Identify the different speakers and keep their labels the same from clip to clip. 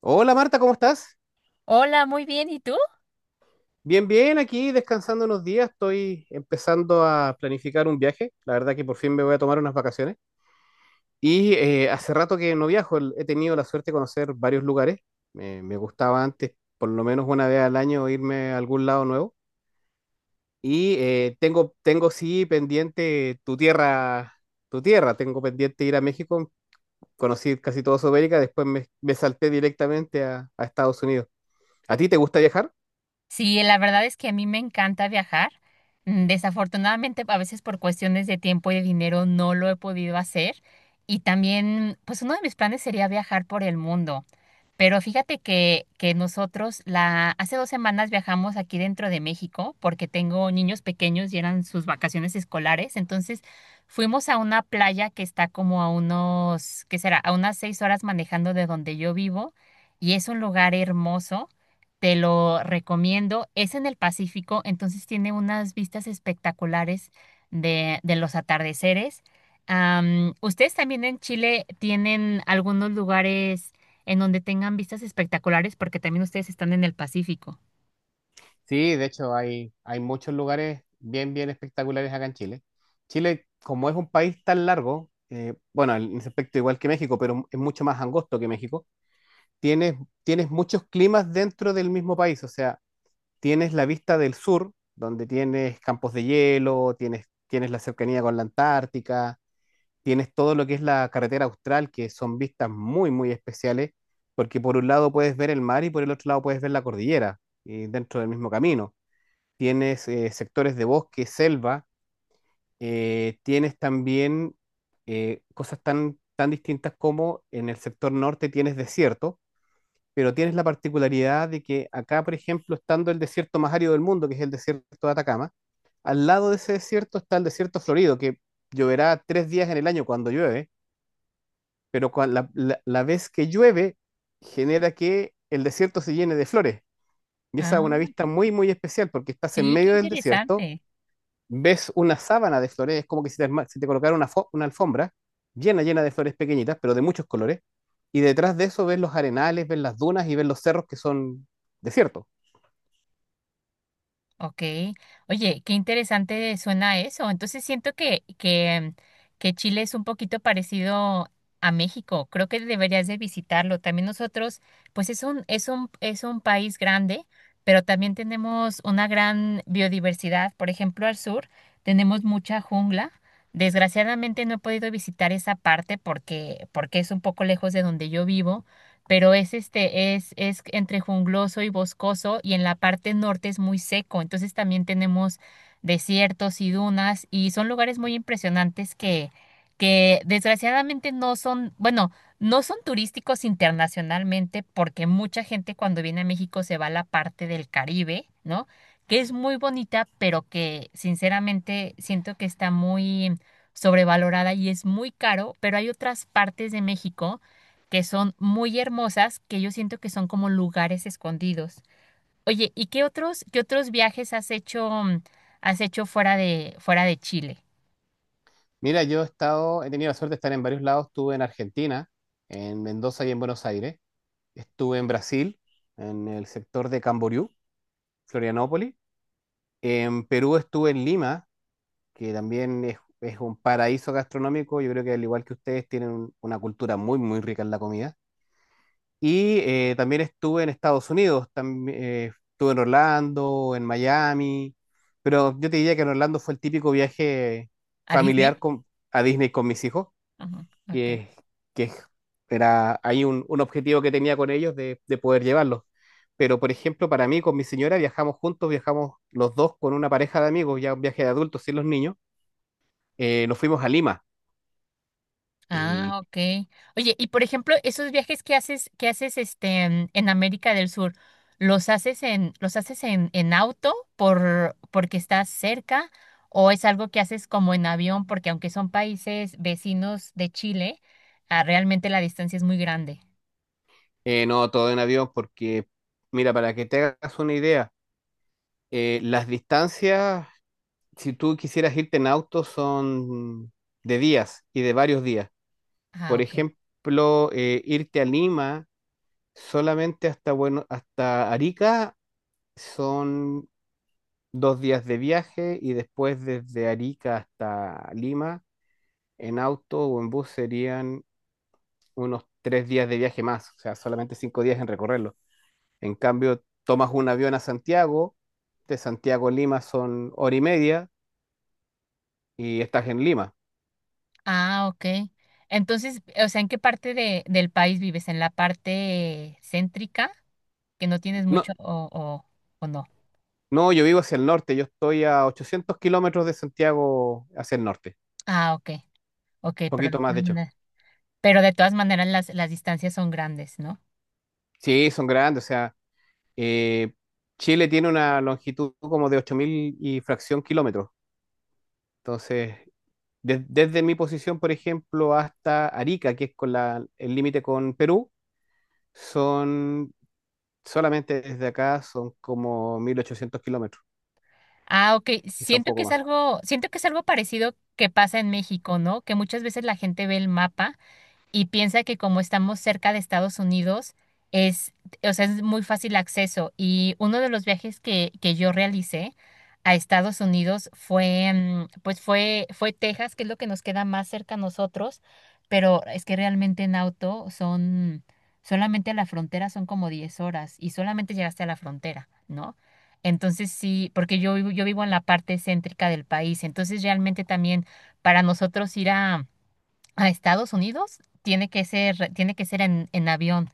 Speaker 1: Hola Marta, ¿cómo estás?
Speaker 2: Hola, muy bien. ¿Y tú?
Speaker 1: Bien, bien, aquí descansando unos días, estoy empezando a planificar un viaje, la verdad que por fin me voy a tomar unas vacaciones y hace rato que no viajo. He tenido la suerte de conocer varios lugares. Me gustaba antes por lo menos una vez al año irme a algún lado nuevo y tengo sí pendiente tu tierra, tengo pendiente ir a México. Conocí casi toda Sudamérica, después me salté directamente a Estados Unidos. ¿A ti te gusta viajar?
Speaker 2: Sí, la verdad es que a mí me encanta viajar. Desafortunadamente, a veces por cuestiones de tiempo y de dinero no lo he podido hacer. Y también, pues uno de mis planes sería viajar por el mundo. Pero fíjate que hace 2 semanas viajamos aquí dentro de México porque tengo niños pequeños y eran sus vacaciones escolares. Entonces fuimos a una playa que está como a unos, ¿qué será? A unas 6 horas manejando de donde yo vivo y es un lugar hermoso. Te lo recomiendo. Es en el Pacífico, entonces tiene unas vistas espectaculares de los atardeceres. ¿Ustedes también en Chile tienen algunos lugares en donde tengan vistas espectaculares, porque también ustedes están en el Pacífico?
Speaker 1: Sí, de hecho hay muchos lugares bien, bien espectaculares acá en Chile. Chile, como es un país tan largo, bueno, en ese aspecto igual que México, pero es mucho más angosto que México, tienes, tienes muchos climas dentro del mismo país, o sea, tienes la vista del sur, donde tienes campos de hielo, tienes la cercanía con la Antártica, tienes todo lo que es la carretera austral, que son vistas muy, muy especiales, porque por un lado puedes ver el mar y por el otro lado puedes ver la cordillera, y dentro del mismo camino tienes sectores de bosque, selva, tienes también cosas tan, tan distintas como en el sector norte tienes desierto, pero tienes la particularidad de que acá, por ejemplo, estando el desierto más árido del mundo, que es el desierto de Atacama, al lado de ese desierto está el desierto florido, que lloverá 3 días en el año cuando llueve, pero la vez que llueve genera que el desierto se llene de flores. Y esa es
Speaker 2: Ah,
Speaker 1: una vista
Speaker 2: qué-
Speaker 1: muy, muy especial porque estás en
Speaker 2: sí, qué
Speaker 1: medio del desierto,
Speaker 2: interesante.
Speaker 1: ves una sábana de flores, es como que si te colocara una alfombra llena, llena de flores pequeñitas, pero de muchos colores, y detrás de eso ves los arenales, ves las dunas y ves los cerros que son desiertos.
Speaker 2: Ok, oye, qué interesante suena eso. Entonces siento que Chile es un poquito parecido a México. Creo que deberías de visitarlo. También nosotros, pues es un país grande, pero también tenemos una gran biodiversidad. Por ejemplo, al sur tenemos mucha jungla. Desgraciadamente no he podido visitar esa parte porque es un poco lejos de donde yo vivo, pero es entre jungloso y boscoso, y en la parte norte es muy seco, entonces también tenemos desiertos y dunas, y son lugares muy impresionantes que desgraciadamente no son turísticos internacionalmente, porque mucha gente cuando viene a México se va a la parte del Caribe, ¿no? Que es muy bonita, pero que sinceramente siento que está muy sobrevalorada y es muy caro, pero hay otras partes de México que son muy hermosas, que yo siento que son como lugares escondidos. Oye, ¿y qué otros viajes has hecho, has hecho fuera de Chile?
Speaker 1: Mira, yo he estado, he tenido la suerte de estar en varios lados, estuve en Argentina, en Mendoza y en Buenos Aires, estuve en Brasil, en el sector de Camboriú, Florianópolis, en Perú estuve en Lima, que también es un paraíso gastronómico, yo creo que al igual que ustedes tienen una cultura muy, muy rica en la comida. También estuve en Estados Unidos, estuve en Orlando, en Miami, pero yo te diría que en Orlando fue el típico viaje
Speaker 2: ¿A Disney?
Speaker 1: familiar con, a Disney con mis hijos,
Speaker 2: Ajá, ok.
Speaker 1: que, que era ahí un objetivo que tenía con ellos de poder llevarlos. Pero, por ejemplo, para mí, con mi señora, viajamos juntos, viajamos los dos con una pareja de amigos, ya un viaje de adultos sin los niños. Nos fuimos a Lima y
Speaker 2: Ah, ok. Oye, y por ejemplo, esos viajes que haces este en América del Sur, ¿los haces en auto porque estás cerca? ¿O es algo que haces como en avión? Porque aunque son países vecinos de Chile, ah, realmente la distancia es muy grande.
Speaker 1: eh, no todo en avión porque, mira, para que te hagas una idea, las distancias, si tú quisieras irte en auto, son de días y de varios días.
Speaker 2: Ah,
Speaker 1: Por
Speaker 2: ok.
Speaker 1: ejemplo, irte a Lima solamente hasta, bueno, hasta Arica son 2 días de viaje y después desde Arica hasta Lima en auto o en bus serían unos 3 días de viaje más, o sea, solamente 5 días en recorrerlo. En cambio, tomas un avión a Santiago, de Santiago a Lima son hora y media y estás en Lima.
Speaker 2: Ah, ok. Entonces, o sea, ¿en qué parte del país vives? ¿En la parte céntrica, que no tienes
Speaker 1: No,
Speaker 2: mucho o no?
Speaker 1: no, yo vivo hacia el norte, yo estoy a 800 kilómetros de Santiago hacia el norte,
Speaker 2: Ah, ok, ok, pero,
Speaker 1: poquito más de hecho.
Speaker 2: pero de todas maneras las distancias son grandes, ¿no?
Speaker 1: Sí, son grandes, o sea, eh, Chile tiene una longitud como de 8.000 y fracción kilómetros. Entonces, desde mi posición, por ejemplo, hasta Arica, que es con el límite con Perú, son solamente desde acá son como 1.800 kilómetros,
Speaker 2: Ah, ok.
Speaker 1: quizá un
Speaker 2: Siento que
Speaker 1: poco
Speaker 2: es
Speaker 1: más.
Speaker 2: algo, siento que es algo parecido que pasa en México, ¿no? Que muchas veces la gente ve el mapa y piensa que como estamos cerca de Estados Unidos, es, o sea, es muy fácil acceso. Y uno de los viajes que yo realicé a Estados Unidos fue, pues fue Texas, que es lo que nos queda más cerca a nosotros, pero es que realmente en auto son, solamente a la frontera son como 10 horas y solamente llegaste a la frontera, ¿no? Entonces sí, porque yo vivo en la parte céntrica del país, entonces realmente también para nosotros ir a Estados Unidos tiene que ser en avión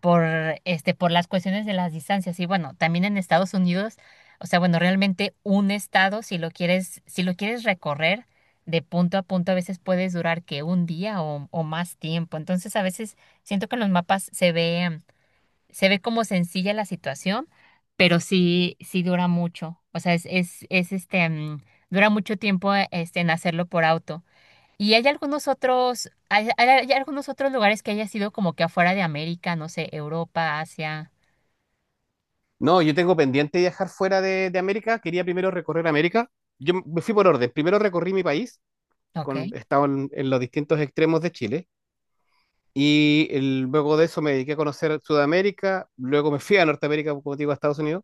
Speaker 2: por, este, por las cuestiones de las distancias. Y bueno, también en Estados Unidos, o sea, bueno, realmente un estado, si lo quieres, si lo quieres recorrer de punto a punto, a veces puedes durar que un día o más tiempo. Entonces, a veces siento que en los mapas se ve como sencilla la situación, pero sí, sí dura mucho. O sea, es este, dura mucho tiempo, este, en hacerlo por auto. ¿Y hay hay algunos otros lugares que haya sido como que afuera de América, no sé, Europa, Asia?
Speaker 1: No, yo tengo pendiente viajar fuera de América. Quería primero recorrer América. Yo me fui por orden. Primero recorrí mi país,
Speaker 2: Ok.
Speaker 1: he estado en los distintos extremos de Chile. Y luego de eso me dediqué a conocer Sudamérica. Luego me fui a Norteamérica, como te digo, a Estados Unidos.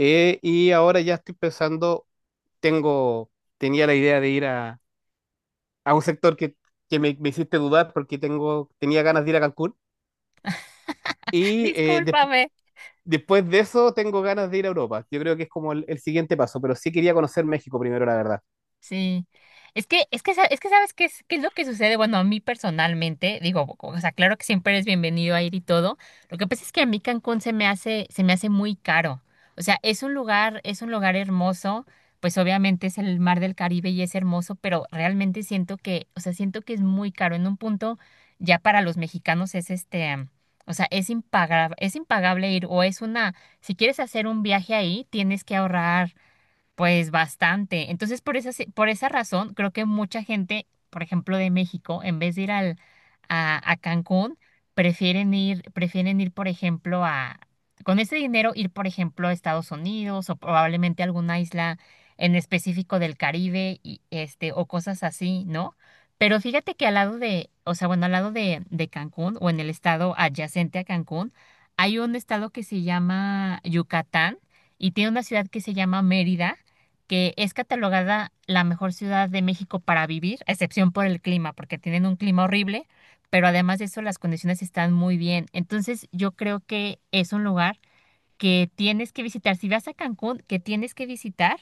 Speaker 1: Y ahora ya estoy pensando, tengo, tenía la idea de ir a un sector que me hiciste dudar porque tengo, tenía ganas de ir a Cancún. Y eh, despu-
Speaker 2: Discúlpame.
Speaker 1: Después de eso, tengo ganas de ir a Europa. Yo creo que es como el siguiente paso, pero sí quería conocer México primero, la verdad.
Speaker 2: Sí. Es que sabes qué es lo que sucede. Bueno, a mí personalmente, digo, o sea, claro que siempre eres bienvenido a ir y todo. Lo que pasa es que a mí Cancún se me hace muy caro. O sea, es un lugar hermoso. Pues obviamente es el mar del Caribe y es hermoso, pero realmente siento o sea, siento que es muy caro. En un punto, ya para los mexicanos es este, o sea, es impagable ir, o es una, si quieres hacer un viaje ahí, tienes que ahorrar. Pues bastante. Entonces, por esa razón, creo que mucha gente, por ejemplo, de México, en vez de ir a Cancún, prefieren ir, por ejemplo, con ese dinero, ir, por ejemplo, a Estados Unidos o probablemente a alguna isla en específico del Caribe y, este, o cosas así, ¿no? Pero fíjate que al lado de, o sea, bueno, al lado de Cancún o en el estado adyacente a Cancún, hay un estado que se llama Yucatán y tiene una ciudad que se llama Mérida que es catalogada la mejor ciudad de México para vivir, a excepción por el clima, porque tienen un clima horrible, pero además de eso las condiciones están muy bien. Entonces yo creo que es un lugar que tienes que visitar. Si vas a Cancún, que tienes que visitar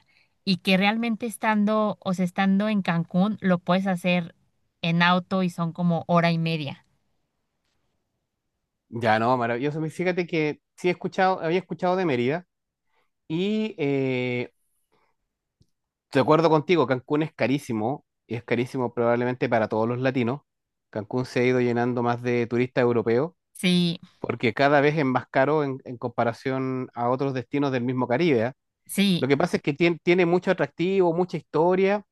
Speaker 2: y que realmente estando, o sea, estando en Cancún, lo puedes hacer en auto y son como hora y media.
Speaker 1: Ya, no, maravilloso. Y fíjate que sí he escuchado, había escuchado de Mérida y de acuerdo contigo, Cancún es carísimo y es carísimo probablemente para todos los latinos. Cancún se ha ido llenando más de turistas europeos
Speaker 2: Sí,
Speaker 1: porque cada vez es más caro en comparación a otros destinos del mismo Caribe, ¿ah?
Speaker 2: sí,
Speaker 1: Lo que pasa es que tiene mucho atractivo, mucha historia.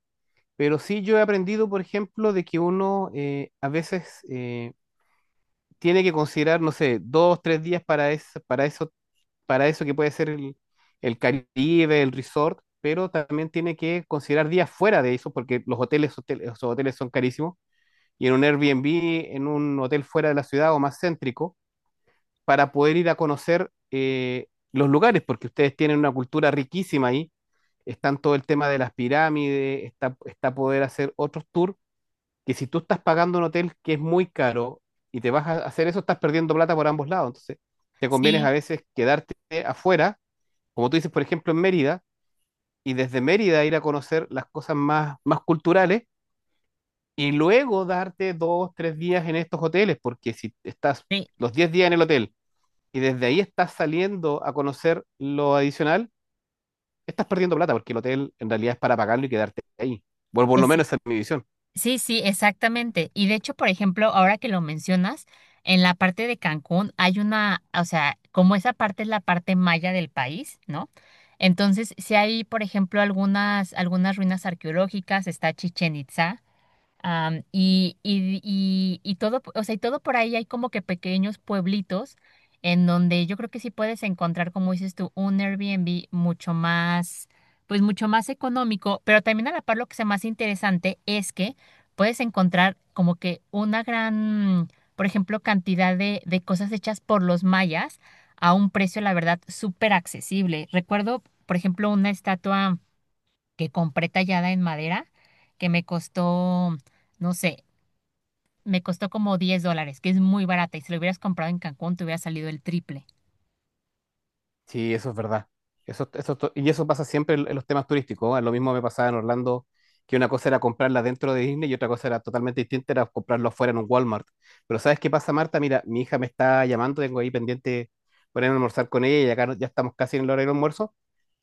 Speaker 1: Pero sí yo he aprendido, por ejemplo, de que uno a veces tiene que considerar, no sé, 2, 3 días para eso, que puede ser el Caribe, el resort, pero también tiene que considerar días fuera de eso, porque los hoteles, los hoteles son carísimos, y en un Airbnb, en un hotel fuera de la ciudad o más céntrico, para poder ir a conocer los lugares, porque ustedes tienen una cultura riquísima ahí, están todo el tema de las pirámides, está poder hacer otros tours que si tú estás pagando un hotel que es muy caro y te vas a hacer eso, estás perdiendo plata por ambos lados. Entonces, te conviene
Speaker 2: sí,
Speaker 1: a veces quedarte afuera, como tú dices, por ejemplo, en Mérida, y desde Mérida ir a conocer las cosas más, más culturales y luego darte 2, 3 días en estos hoteles, porque si estás
Speaker 2: sí.
Speaker 1: los 10 días en el hotel y desde ahí estás saliendo a conocer lo adicional, estás perdiendo plata, porque el hotel en realidad es para pagarlo y quedarte ahí. Bueno, por lo
Speaker 2: Es,
Speaker 1: menos esa es mi visión.
Speaker 2: Sí, sí, exactamente. Y de hecho, por ejemplo, ahora que lo mencionas, en la parte de Cancún hay una, o sea, como esa parte es la parte maya del país, ¿no? Entonces, si hay, por ejemplo, algunas ruinas arqueológicas, está Chichen Itza. Y todo, o sea, y todo por ahí hay como que pequeños pueblitos en donde yo creo que sí puedes encontrar, como dices tú, un Airbnb mucho más, pues mucho más económico, pero también a la par lo que sea más interesante es que puedes encontrar como que una gran, por ejemplo, cantidad de cosas hechas por los mayas a un precio, la verdad, súper accesible. Recuerdo, por ejemplo, una estatua que compré tallada en madera, que me costó, no sé, me costó como $10, que es muy barata. Y si lo hubieras comprado en Cancún, te hubiera salido el triple.
Speaker 1: Sí, eso es verdad. Eso, y eso pasa siempre en los temas turísticos, ¿eh? Lo mismo me pasaba en Orlando, que una cosa era comprarla dentro de Disney y otra cosa era totalmente distinta, era comprarlo afuera en un Walmart. Pero ¿sabes qué pasa, Marta? Mira, mi hija me está llamando, tengo ahí pendiente ponerme a almorzar con ella y acá ya estamos casi en el hora del almuerzo.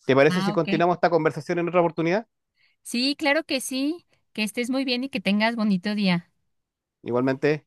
Speaker 1: ¿Te parece
Speaker 2: Ah,
Speaker 1: si
Speaker 2: ok.
Speaker 1: continuamos esta conversación en otra oportunidad?
Speaker 2: Sí, claro que sí. Que estés muy bien y que tengas bonito día.
Speaker 1: Igualmente.